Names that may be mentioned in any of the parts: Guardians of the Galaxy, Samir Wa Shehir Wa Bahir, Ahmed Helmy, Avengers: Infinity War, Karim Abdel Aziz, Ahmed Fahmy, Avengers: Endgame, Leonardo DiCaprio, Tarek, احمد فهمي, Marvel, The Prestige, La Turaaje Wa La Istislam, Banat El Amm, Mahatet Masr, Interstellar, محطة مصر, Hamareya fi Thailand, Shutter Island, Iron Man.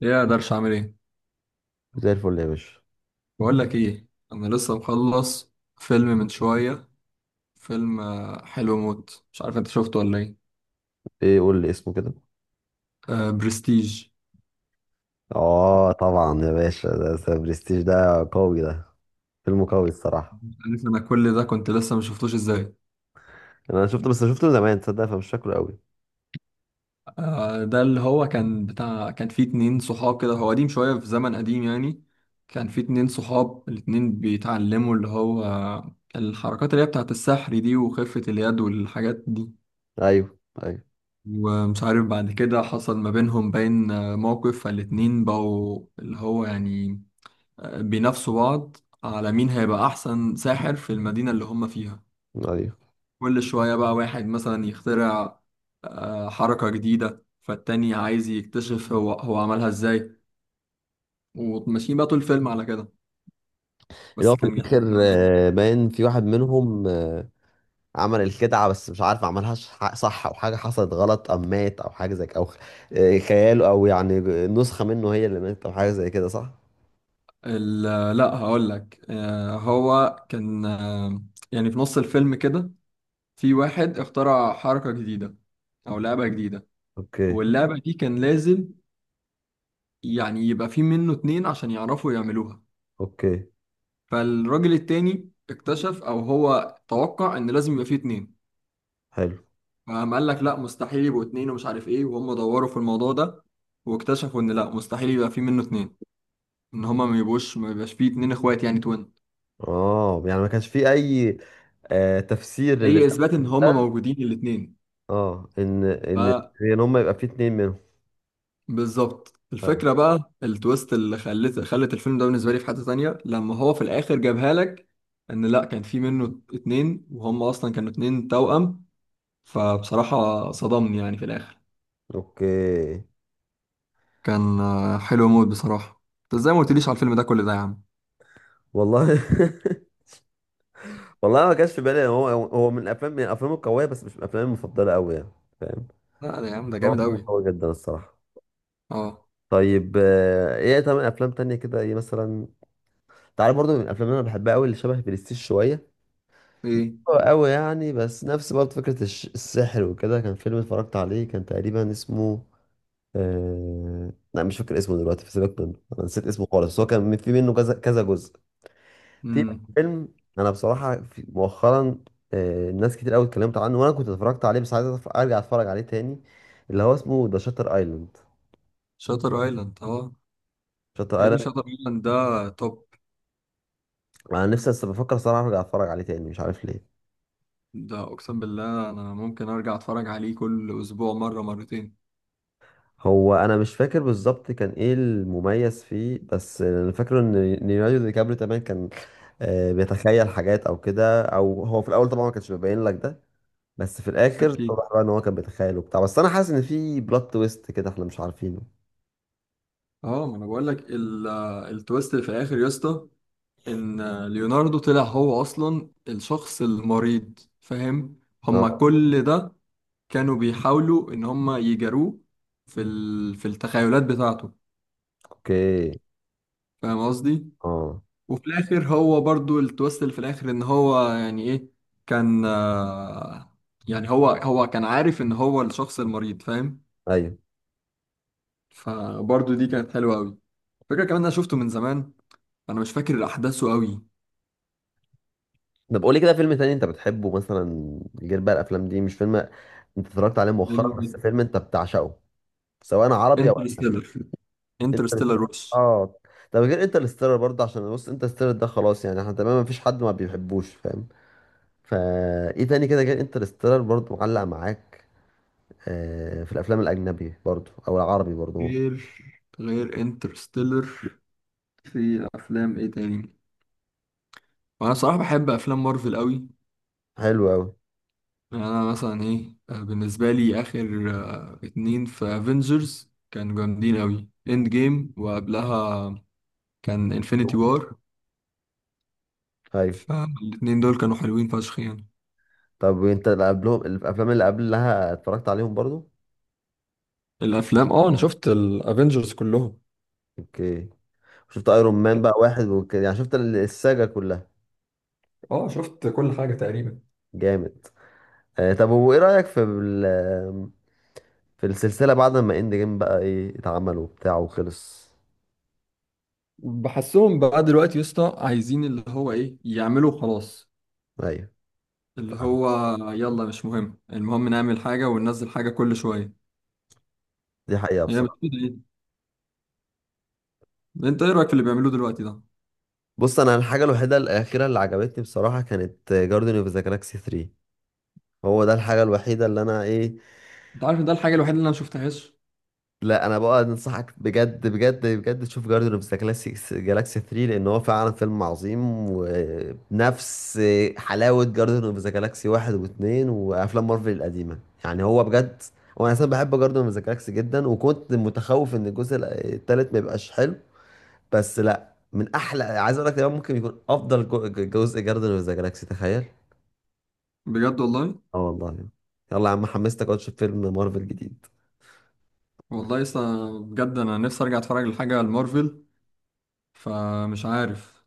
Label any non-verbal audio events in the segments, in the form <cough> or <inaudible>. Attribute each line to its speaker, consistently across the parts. Speaker 1: يا قدرش اعمل ايه؟
Speaker 2: زي الفل يا باشا.
Speaker 1: بقول لك ايه، انا لسه مخلص فيلم من شويه. فيلم حلو موت، مش عارف انت شفته ولا ايه.
Speaker 2: ايه، قول لي اسمه كده؟
Speaker 1: آه، برستيج.
Speaker 2: اه طبعا يا باشا، ده برستيج، ده قوي ده. فيلم قوي الصراحه.
Speaker 1: عارف انا كل ده كنت لسه ما شفتوش ازاي؟
Speaker 2: انا شفته، بس شفته زمان تصدق، فمش فاكره قوي.
Speaker 1: آه، ده اللي هو كان بتاع كان فيه اتنين صحاب كده، هو قديم شويه، في زمن قديم يعني. كان فيه اتنين صحاب، الاتنين بيتعلموا اللي هو الحركات اللي هي بتاعت السحر دي وخفة اليد والحاجات دي.
Speaker 2: ايوه، ايوه،
Speaker 1: ومش عارف بعد كده حصل ما بينهم باين موقف، فالاتنين بقوا اللي هو يعني بينافسوا بعض على مين هيبقى أحسن ساحر في المدينة اللي هم فيها.
Speaker 2: ايوه،
Speaker 1: كل شوية بقى واحد مثلا يخترع حركة جديدة، فالتاني عايز يكتشف هو عملها ازاي. وماشيين بقى طول الفيلم على كده،
Speaker 2: اللي هو
Speaker 1: بس
Speaker 2: في
Speaker 1: كان جامد
Speaker 2: الاخر
Speaker 1: أوي بصراحة.
Speaker 2: باين في واحد منهم، عمل الخدعه، بس مش عارف عملها صح او حاجه حصلت غلط، ام مات او حاجه زي كده، او خياله او يعني نسخه منه هي اللي ماتت او حاجه زي كده، صح؟
Speaker 1: لا، هقول لك. هو كان، يعني في نص الفيلم كده، في واحد اخترع حركة جديدة أو لعبة جديدة،
Speaker 2: اوكي.
Speaker 1: واللعبة دي كان لازم يعني يبقى في منه اتنين عشان يعرفوا يعملوها.
Speaker 2: اوكي.
Speaker 1: فالراجل التاني اكتشف او هو توقع ان لازم يبقى فيه اتنين.
Speaker 2: حلو.
Speaker 1: فقام قال لك لا، مستحيل يبقوا اتنين ومش عارف ايه، وهم دوروا في الموضوع ده واكتشفوا ان لا، مستحيل يبقى فيه منه اتنين، ان هما ما يبقاش فيه اتنين اخوات يعني توين.
Speaker 2: اه، يعني ما كانش في اي تفسير للي.
Speaker 1: هي اثبات ان هما موجودين الاتنين.
Speaker 2: اه، ان هم يبقى في اتنين منهم.
Speaker 1: بالظبط،
Speaker 2: طيب.
Speaker 1: الفكرة بقى التويست اللي خلت الفيلم ده بالنسبة لي في حتة تانية، لما هو في الآخر جابها لك. إن لأ، كان في منه اتنين وهم أصلا كانوا اتنين توأم. فبصراحة صدمني يعني في الآخر.
Speaker 2: اوكي.
Speaker 1: كان حلو موت بصراحة، أنت إزاي ما قلتليش على الفيلم ده كل ده يا عم؟
Speaker 2: والله. <laughs> والله ما كانش في بالي، هو من الافلام القويه، بس مش من الافلام المفضله قوي يعني. فاهم.
Speaker 1: لا، ده يا عم ده جامد
Speaker 2: هو فيلم
Speaker 1: أوي.
Speaker 2: قوي جدا الصراحه.
Speaker 1: أه.
Speaker 2: طيب، ايه تمام، افلام تانية كده ايه مثلا؟ تعالى برضو، من الافلام اللي انا بحبها قوي اللي شبه برستيج شويه.
Speaker 1: إيه.
Speaker 2: هو قوي يعني، بس نفس برضه فكره السحر وكده. كان فيلم اتفرجت عليه كان تقريبا اسمه لا، مش فاكر اسمه دلوقتي، في، سيبك منه، انا نسيت اسمه خالص، هو كان في منه كذا كذا جزء. في
Speaker 1: امم.
Speaker 2: فيلم انا بصراحه في مؤخرا، ناس كتير قوي اتكلمت عنه، وانا كنت اتفرجت عليه بس عايز ارجع اتفرج عليه تاني، اللي هو اسمه ذا شاتر ايلاند.
Speaker 1: شاتر أيلاند، أه.
Speaker 2: شاتر
Speaker 1: يا ابني،
Speaker 2: ايلاند.
Speaker 1: شاتر أيلاند ده توب.
Speaker 2: انا نفسي بس بفكر صراحه ارجع اتفرج عليه تاني، مش عارف ليه.
Speaker 1: ده أقسم بالله أنا ممكن أرجع أتفرج عليه كل أسبوع مرة مرتين.
Speaker 2: هو انا مش فاكر بالظبط كان ايه المميز فيه، بس انا فاكره ان ليوناردو دي كابريو تمام كان بيتخيل حاجات او كده، او هو في الاول طبعا ما كانش بيبين لك ده. بس في الاخر
Speaker 1: أكيد.
Speaker 2: طبعا بقى ان هو كان بيتخيل وبتاع، بس انا حاسس ان في بلوت تويست كده احنا مش عارفينه.
Speaker 1: اه، ما انا بقول لك، التويست اللي في الاخر يا اسطى، ان ليوناردو طلع هو اصلا الشخص المريض، فاهم؟
Speaker 2: اه.
Speaker 1: هما كل ده كانوا بيحاولوا ان هما يجاروه في في التخيلات بتاعته.
Speaker 2: اوكي.
Speaker 1: فاهم قصدي؟
Speaker 2: اه.
Speaker 1: وفي الاخر هو برضو التويست اللي في الاخر ان هو يعني ايه، كان يعني هو كان عارف ان هو الشخص المريض، فاهم؟
Speaker 2: ايوه.
Speaker 1: فبرضو دي كانت حلوة قوي، فكرة كمان. انا شفته من زمان، انا مش فاكر احداثه.
Speaker 2: طب قولي كده، فيلم تاني انت بتحبه مثلا، غير بقى الافلام دي، مش فيلم انت اتفرجت عليه مؤخرا،
Speaker 1: قوي.
Speaker 2: بس فيلم انت بتعشقه، سواء عربي او
Speaker 1: انترستيلر. انترستيلر
Speaker 2: انترستيلر.
Speaker 1: وش.
Speaker 2: اه. طب غير انترستيلر برضه، عشان بص، انترستيلر ده خلاص يعني، احنا تمام، مفيش حد ما بيحبوش، فاهم. فا ايه تاني كده غير انترستيلر برضه معلق معاك، في الافلام الاجنبي برضه او العربي برضه.
Speaker 1: غير غير انترستيلر، في افلام ايه تاني؟ وانا صراحة بحب افلام مارفل قوي.
Speaker 2: حلو قوي.
Speaker 1: يعني انا مثلا ايه، بالنسبة لي اخر اتنين في افنجرز كانوا جامدين قوي، اند جيم وقبلها كان انفينيتي وار.
Speaker 2: ايوه.
Speaker 1: فالاتنين دول كانوا حلوين فشخ يعني.
Speaker 2: طب وانت اللي قبلهم الافلام اللي قبلها اتفرجت عليهم برضه؟
Speaker 1: الافلام، اه، انا شفت الافينجرز كلهم.
Speaker 2: اوكي. شفت ايرون مان بقى واحد وكده يعني، شفت الساجا كلها.
Speaker 1: اه، شفت كل حاجه تقريبا.
Speaker 2: جامد. طب، وايه رأيك في في السلسلة بعد ما اند جيم، بقى ايه اتعمل وبتاع وخلص؟
Speaker 1: بحسهم بقى دلوقتي يا اسطى عايزين اللي هو ايه، يعملوا خلاص،
Speaker 2: ايوه.
Speaker 1: اللي
Speaker 2: فعلا.
Speaker 1: هو، يلا مش مهم، المهم نعمل حاجة وننزل حاجة كل شوية.
Speaker 2: دي حقيقة
Speaker 1: هي مش
Speaker 2: بصراحة.
Speaker 1: كده يعني؟ انت ايه رأيك في اللي بيعملوه دلوقتي ده؟
Speaker 2: بص، انا الحاجة الوحيدة الأخيرة اللي عجبتني بصراحة كانت جاردن اوف ذا جالاكسي 3، هو ده الحاجة الوحيدة اللي انا ايه.
Speaker 1: انت عارف إن ده الحاجة الوحيدة اللي انا مشفتهاش؟
Speaker 2: لا، انا بقى انصحك بجد بجد بجد تشوف جاردن اوف ذا جالاكسي 3، لان هو فعلا فيلم عظيم، وبنفس حلاوه جاردن اوف ذا جالاكسي 1 و2 وافلام مارفل القديمه، يعني هو بجد. وانا اصلا بحب جاردن اوف ذا جالاكسي جدا، وكنت متخوف ان الجزء الثالث ما يبقاش حلو، بس لا، من احلى، عايز اقول لك ده ممكن يكون افضل جزء جاردن اوف ذا جالاكسي، تخيل.
Speaker 1: بجد والله.
Speaker 2: اه والله. يلا يا عم، حمستك اقعد تشوف فيلم مارفل جديد.
Speaker 1: والله لسه، بجد انا نفسي ارجع اتفرج لحاجة المارفل، فمش عارف.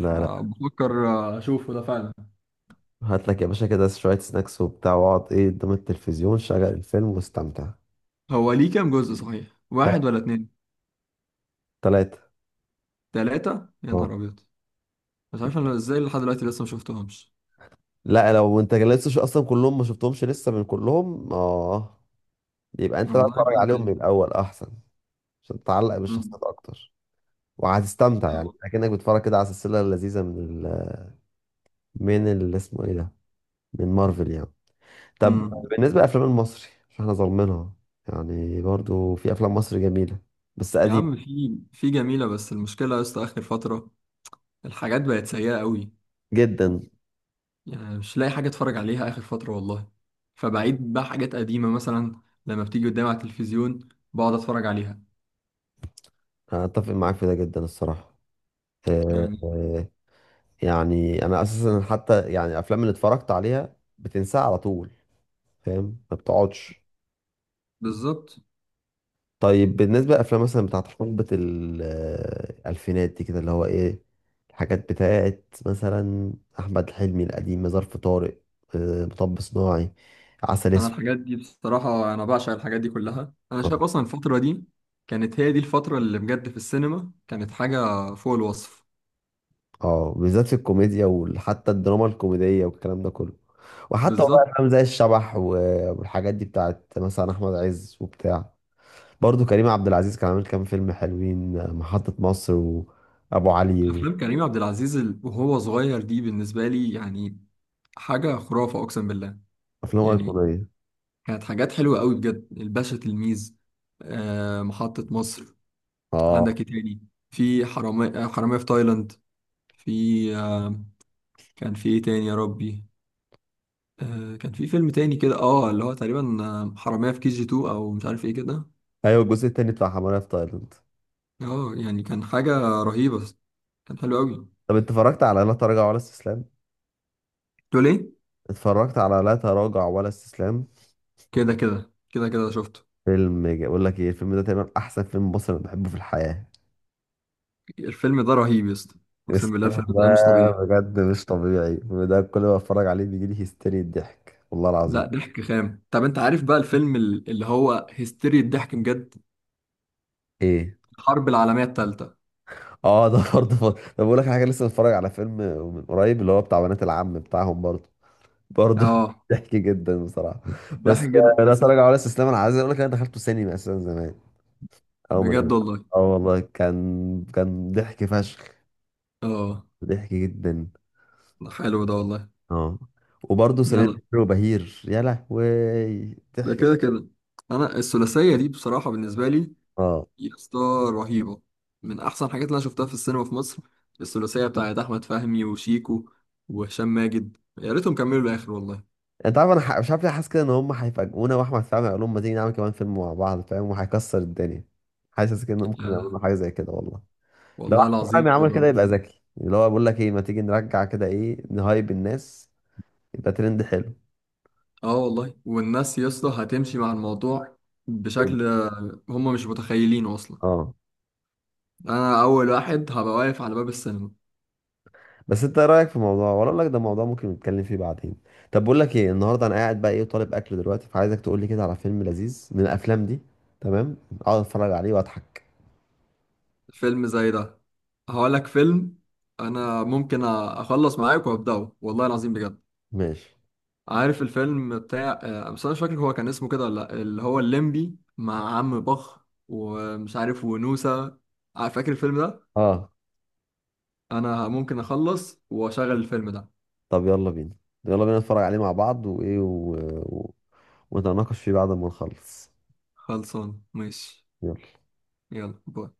Speaker 2: لا، لا.
Speaker 1: بفكر اشوفه ده فعلا.
Speaker 2: هات لك يا باشا كده شوية سناكس وبتاع، واقعد ايه قدام التلفزيون، شغل الفيلم واستمتع.
Speaker 1: هو ليه كام جزء صحيح، واحد ولا اتنين؟
Speaker 2: تلاتة.
Speaker 1: تلاتة، يا
Speaker 2: اه.
Speaker 1: نهار ابيض. مش عارف انا ازاي لحد دلوقتي لسه مشفتهمش.
Speaker 2: لا، لو انت لسه اصلا كلهم ما شفتهمش لسه، من كلهم اه، يبقى انت بقى
Speaker 1: والله
Speaker 2: اتفرج
Speaker 1: بجد
Speaker 2: عليهم من
Speaker 1: يعني.
Speaker 2: الاول احسن، عشان تتعلق
Speaker 1: مم.
Speaker 2: بالشخصيات اكتر، وهتستمتع يعني
Speaker 1: آه.
Speaker 2: اكنك بتتفرج كده على سلسله لذيذه من ال... من اللي اسمه ايه ده، من مارفل يعني. طب
Speaker 1: مم.
Speaker 2: بالنسبه للافلام المصري، مش احنا ظالمينها؟ يعني برضو في افلام مصر جميله بس
Speaker 1: يا
Speaker 2: قديم
Speaker 1: عم، في جميلة، بس المشكلة يا اسطى آخر فترة الحاجات بقت سيئة قوي.
Speaker 2: جدا.
Speaker 1: يعني مش لاقي حاجة اتفرج عليها آخر فترة والله، فبعيد بقى حاجات قديمة مثلا لما بتيجي قدامي على التلفزيون بقعد اتفرج عليها
Speaker 2: انا اتفق معاك في ده جدا الصراحه. آه،
Speaker 1: يعني.
Speaker 2: آه، يعني انا اساسا، حتى يعني الافلام اللي اتفرجت عليها بتنساها على طول، فاهم، ما بتقعدش.
Speaker 1: بالظبط.
Speaker 2: طيب بالنسبه للافلام مثلا بتاعت حقبه الالفينات دي كده، اللي هو ايه، الحاجات بتاعت مثلا احمد حلمي القديم، ظرف طارق، مطب صناعي، عسل
Speaker 1: انا
Speaker 2: اسود.
Speaker 1: الحاجات دي بصراحة انا بعشق الحاجات دي كلها، انا شايف اصلا الفترة دي كانت هي دي الفترة اللي بجد في السينما كانت حاجة فوق الوصف.
Speaker 2: اه، بالذات في الكوميديا، وحتى الدراما الكوميديه والكلام ده كله، وحتى والله
Speaker 1: بالظبط.
Speaker 2: افلام زي الشبح والحاجات دي بتاعت مثلا احمد عز وبتاع، برضه كريم عبد العزيز كان عامل كام فيلم حلوين، محطة مصر، وأبو علي،
Speaker 1: افلام كريم عبد العزيز وهو صغير دي بالنسبة لي يعني حاجة خرافة اقسم بالله.
Speaker 2: وأفلام
Speaker 1: يعني
Speaker 2: أيقونية.
Speaker 1: كانت حاجات حلوة قوي بجد، الباشا تلميذ، محطة مصر.
Speaker 2: اه،
Speaker 1: عندك ايه تاني؟ في حرامية، حرامية في تايلاند، في آه، كان في ايه تاني يا ربي؟ كان في فيلم تاني كده اللي هو تقريبا حرامية في كي جي 2 او مش عارف ايه كده.
Speaker 2: أيوة الجزء التاني بتاع حمارية في تايلاند.
Speaker 1: اه، يعني كان حاجة رهيبة، بس كان حلو قوي.
Speaker 2: طب أنت اتفرجت على لا تراجع ولا استسلام؟
Speaker 1: تقول ايه؟
Speaker 2: اتفرجت على لا تراجع ولا استسلام.
Speaker 1: كده كده كده كده، شفته.
Speaker 2: بقول لك ايه، الفيلم ده تقريبا أحسن فيلم مصري أنا بحبه في الحياة.
Speaker 1: الفيلم ده رهيب يا اسطى،
Speaker 2: <laughs>
Speaker 1: اقسم بالله
Speaker 2: الفيلم
Speaker 1: الفيلم
Speaker 2: ده
Speaker 1: ده مش طبيعي.
Speaker 2: بجد مش طبيعي، الفيلم ده كل ما اتفرج عليه بيجي لي هيستيري الضحك والله العظيم.
Speaker 1: لا، ضحك خام. طب انت عارف بقى الفيلم، اللي هو هيستيريا الضحك بجد،
Speaker 2: ايه.
Speaker 1: الحرب العالمية التالتة.
Speaker 2: اه، ده برضه طب بقول لك حاجه، لسه متفرج على فيلم من قريب اللي هو بتاع بنات العم بتاعهم برضه، برضه. <laughs>
Speaker 1: اه،
Speaker 2: ضحك جدا بصراحه،
Speaker 1: ضحك
Speaker 2: بس
Speaker 1: جدا
Speaker 2: لا
Speaker 1: بس.
Speaker 2: تراجع ولا استسلام، انا عايز اقول لك انا دخلته سينما اساسا زمان، او من.
Speaker 1: بجد والله.
Speaker 2: اه والله، كان ضحك فشخ،
Speaker 1: اه،
Speaker 2: ضحك جدا.
Speaker 1: حلو ده والله.
Speaker 2: اه، وبرضه سمير
Speaker 1: يلا،
Speaker 2: وشهير وبهير، يا لهوي
Speaker 1: ده
Speaker 2: ضحك.
Speaker 1: كده كده. انا الثلاثيه دي بصراحه بالنسبه لي
Speaker 2: اه،
Speaker 1: يا اسطى رهيبه، من احسن الحاجات اللي انا شفتها في السينما في مصر. الثلاثيه بتاعت احمد فهمي وشيكو وهشام ماجد، يا ريتهم كملوا الاخر والله.
Speaker 2: انت عارف انا مش عارف ليه حاسس كده ان هم هيفاجئونا، واحمد فهمي هيقول لهم ما تيجي نعمل كمان فيلم مع بعض، فاهم، وهيكسر الدنيا. حاسس كده ان ممكن يعملوا
Speaker 1: يعني
Speaker 2: حاجه زي كده والله. لو
Speaker 1: والله
Speaker 2: احمد فهمي
Speaker 1: العظيم
Speaker 2: عمل
Speaker 1: تبقى
Speaker 2: كده يبقى
Speaker 1: بص.
Speaker 2: ذكي، اللي هو بقول لك ايه، ما تيجي نرجع كده، ايه، نهايب الناس، يبقى ترند حلو.
Speaker 1: اه والله، والناس يا اسطى هتمشي مع الموضوع
Speaker 2: كده.
Speaker 1: بشكل، هم مش متخيلينه اصلا.
Speaker 2: اه،
Speaker 1: انا اول واحد هبقى واقف على باب السينما.
Speaker 2: بس انت ايه رايك في الموضوع، ولا اقول لك ده موضوع ممكن نتكلم فيه بعدين؟ طب بقول لك ايه، النهارده انا قاعد بقى ايه طالب اكل دلوقتي، فعايزك تقول لي كده على فيلم لذيذ من الافلام دي، تمام، اقعد اتفرج عليه واضحك.
Speaker 1: فيلم زي ده هقول لك فيلم، انا ممكن اخلص معاك وابداه والله العظيم بجد.
Speaker 2: ماشي.
Speaker 1: عارف الفيلم بتاع بس انا مش فاكر هو كان اسمه كده ولا لأ، اللي هو الليمبي مع عم بخ ومش عارف ونوسة. فاكر الفيلم ده؟
Speaker 2: اه،
Speaker 1: انا ممكن اخلص واشغل الفيلم ده.
Speaker 2: طب يلا بينا، يلا بينا نتفرج عليه مع بعض وايه و... ونتناقش فيه بعد ما نخلص.
Speaker 1: خلصان، ماشي.
Speaker 2: يلا.
Speaker 1: يلا، باي.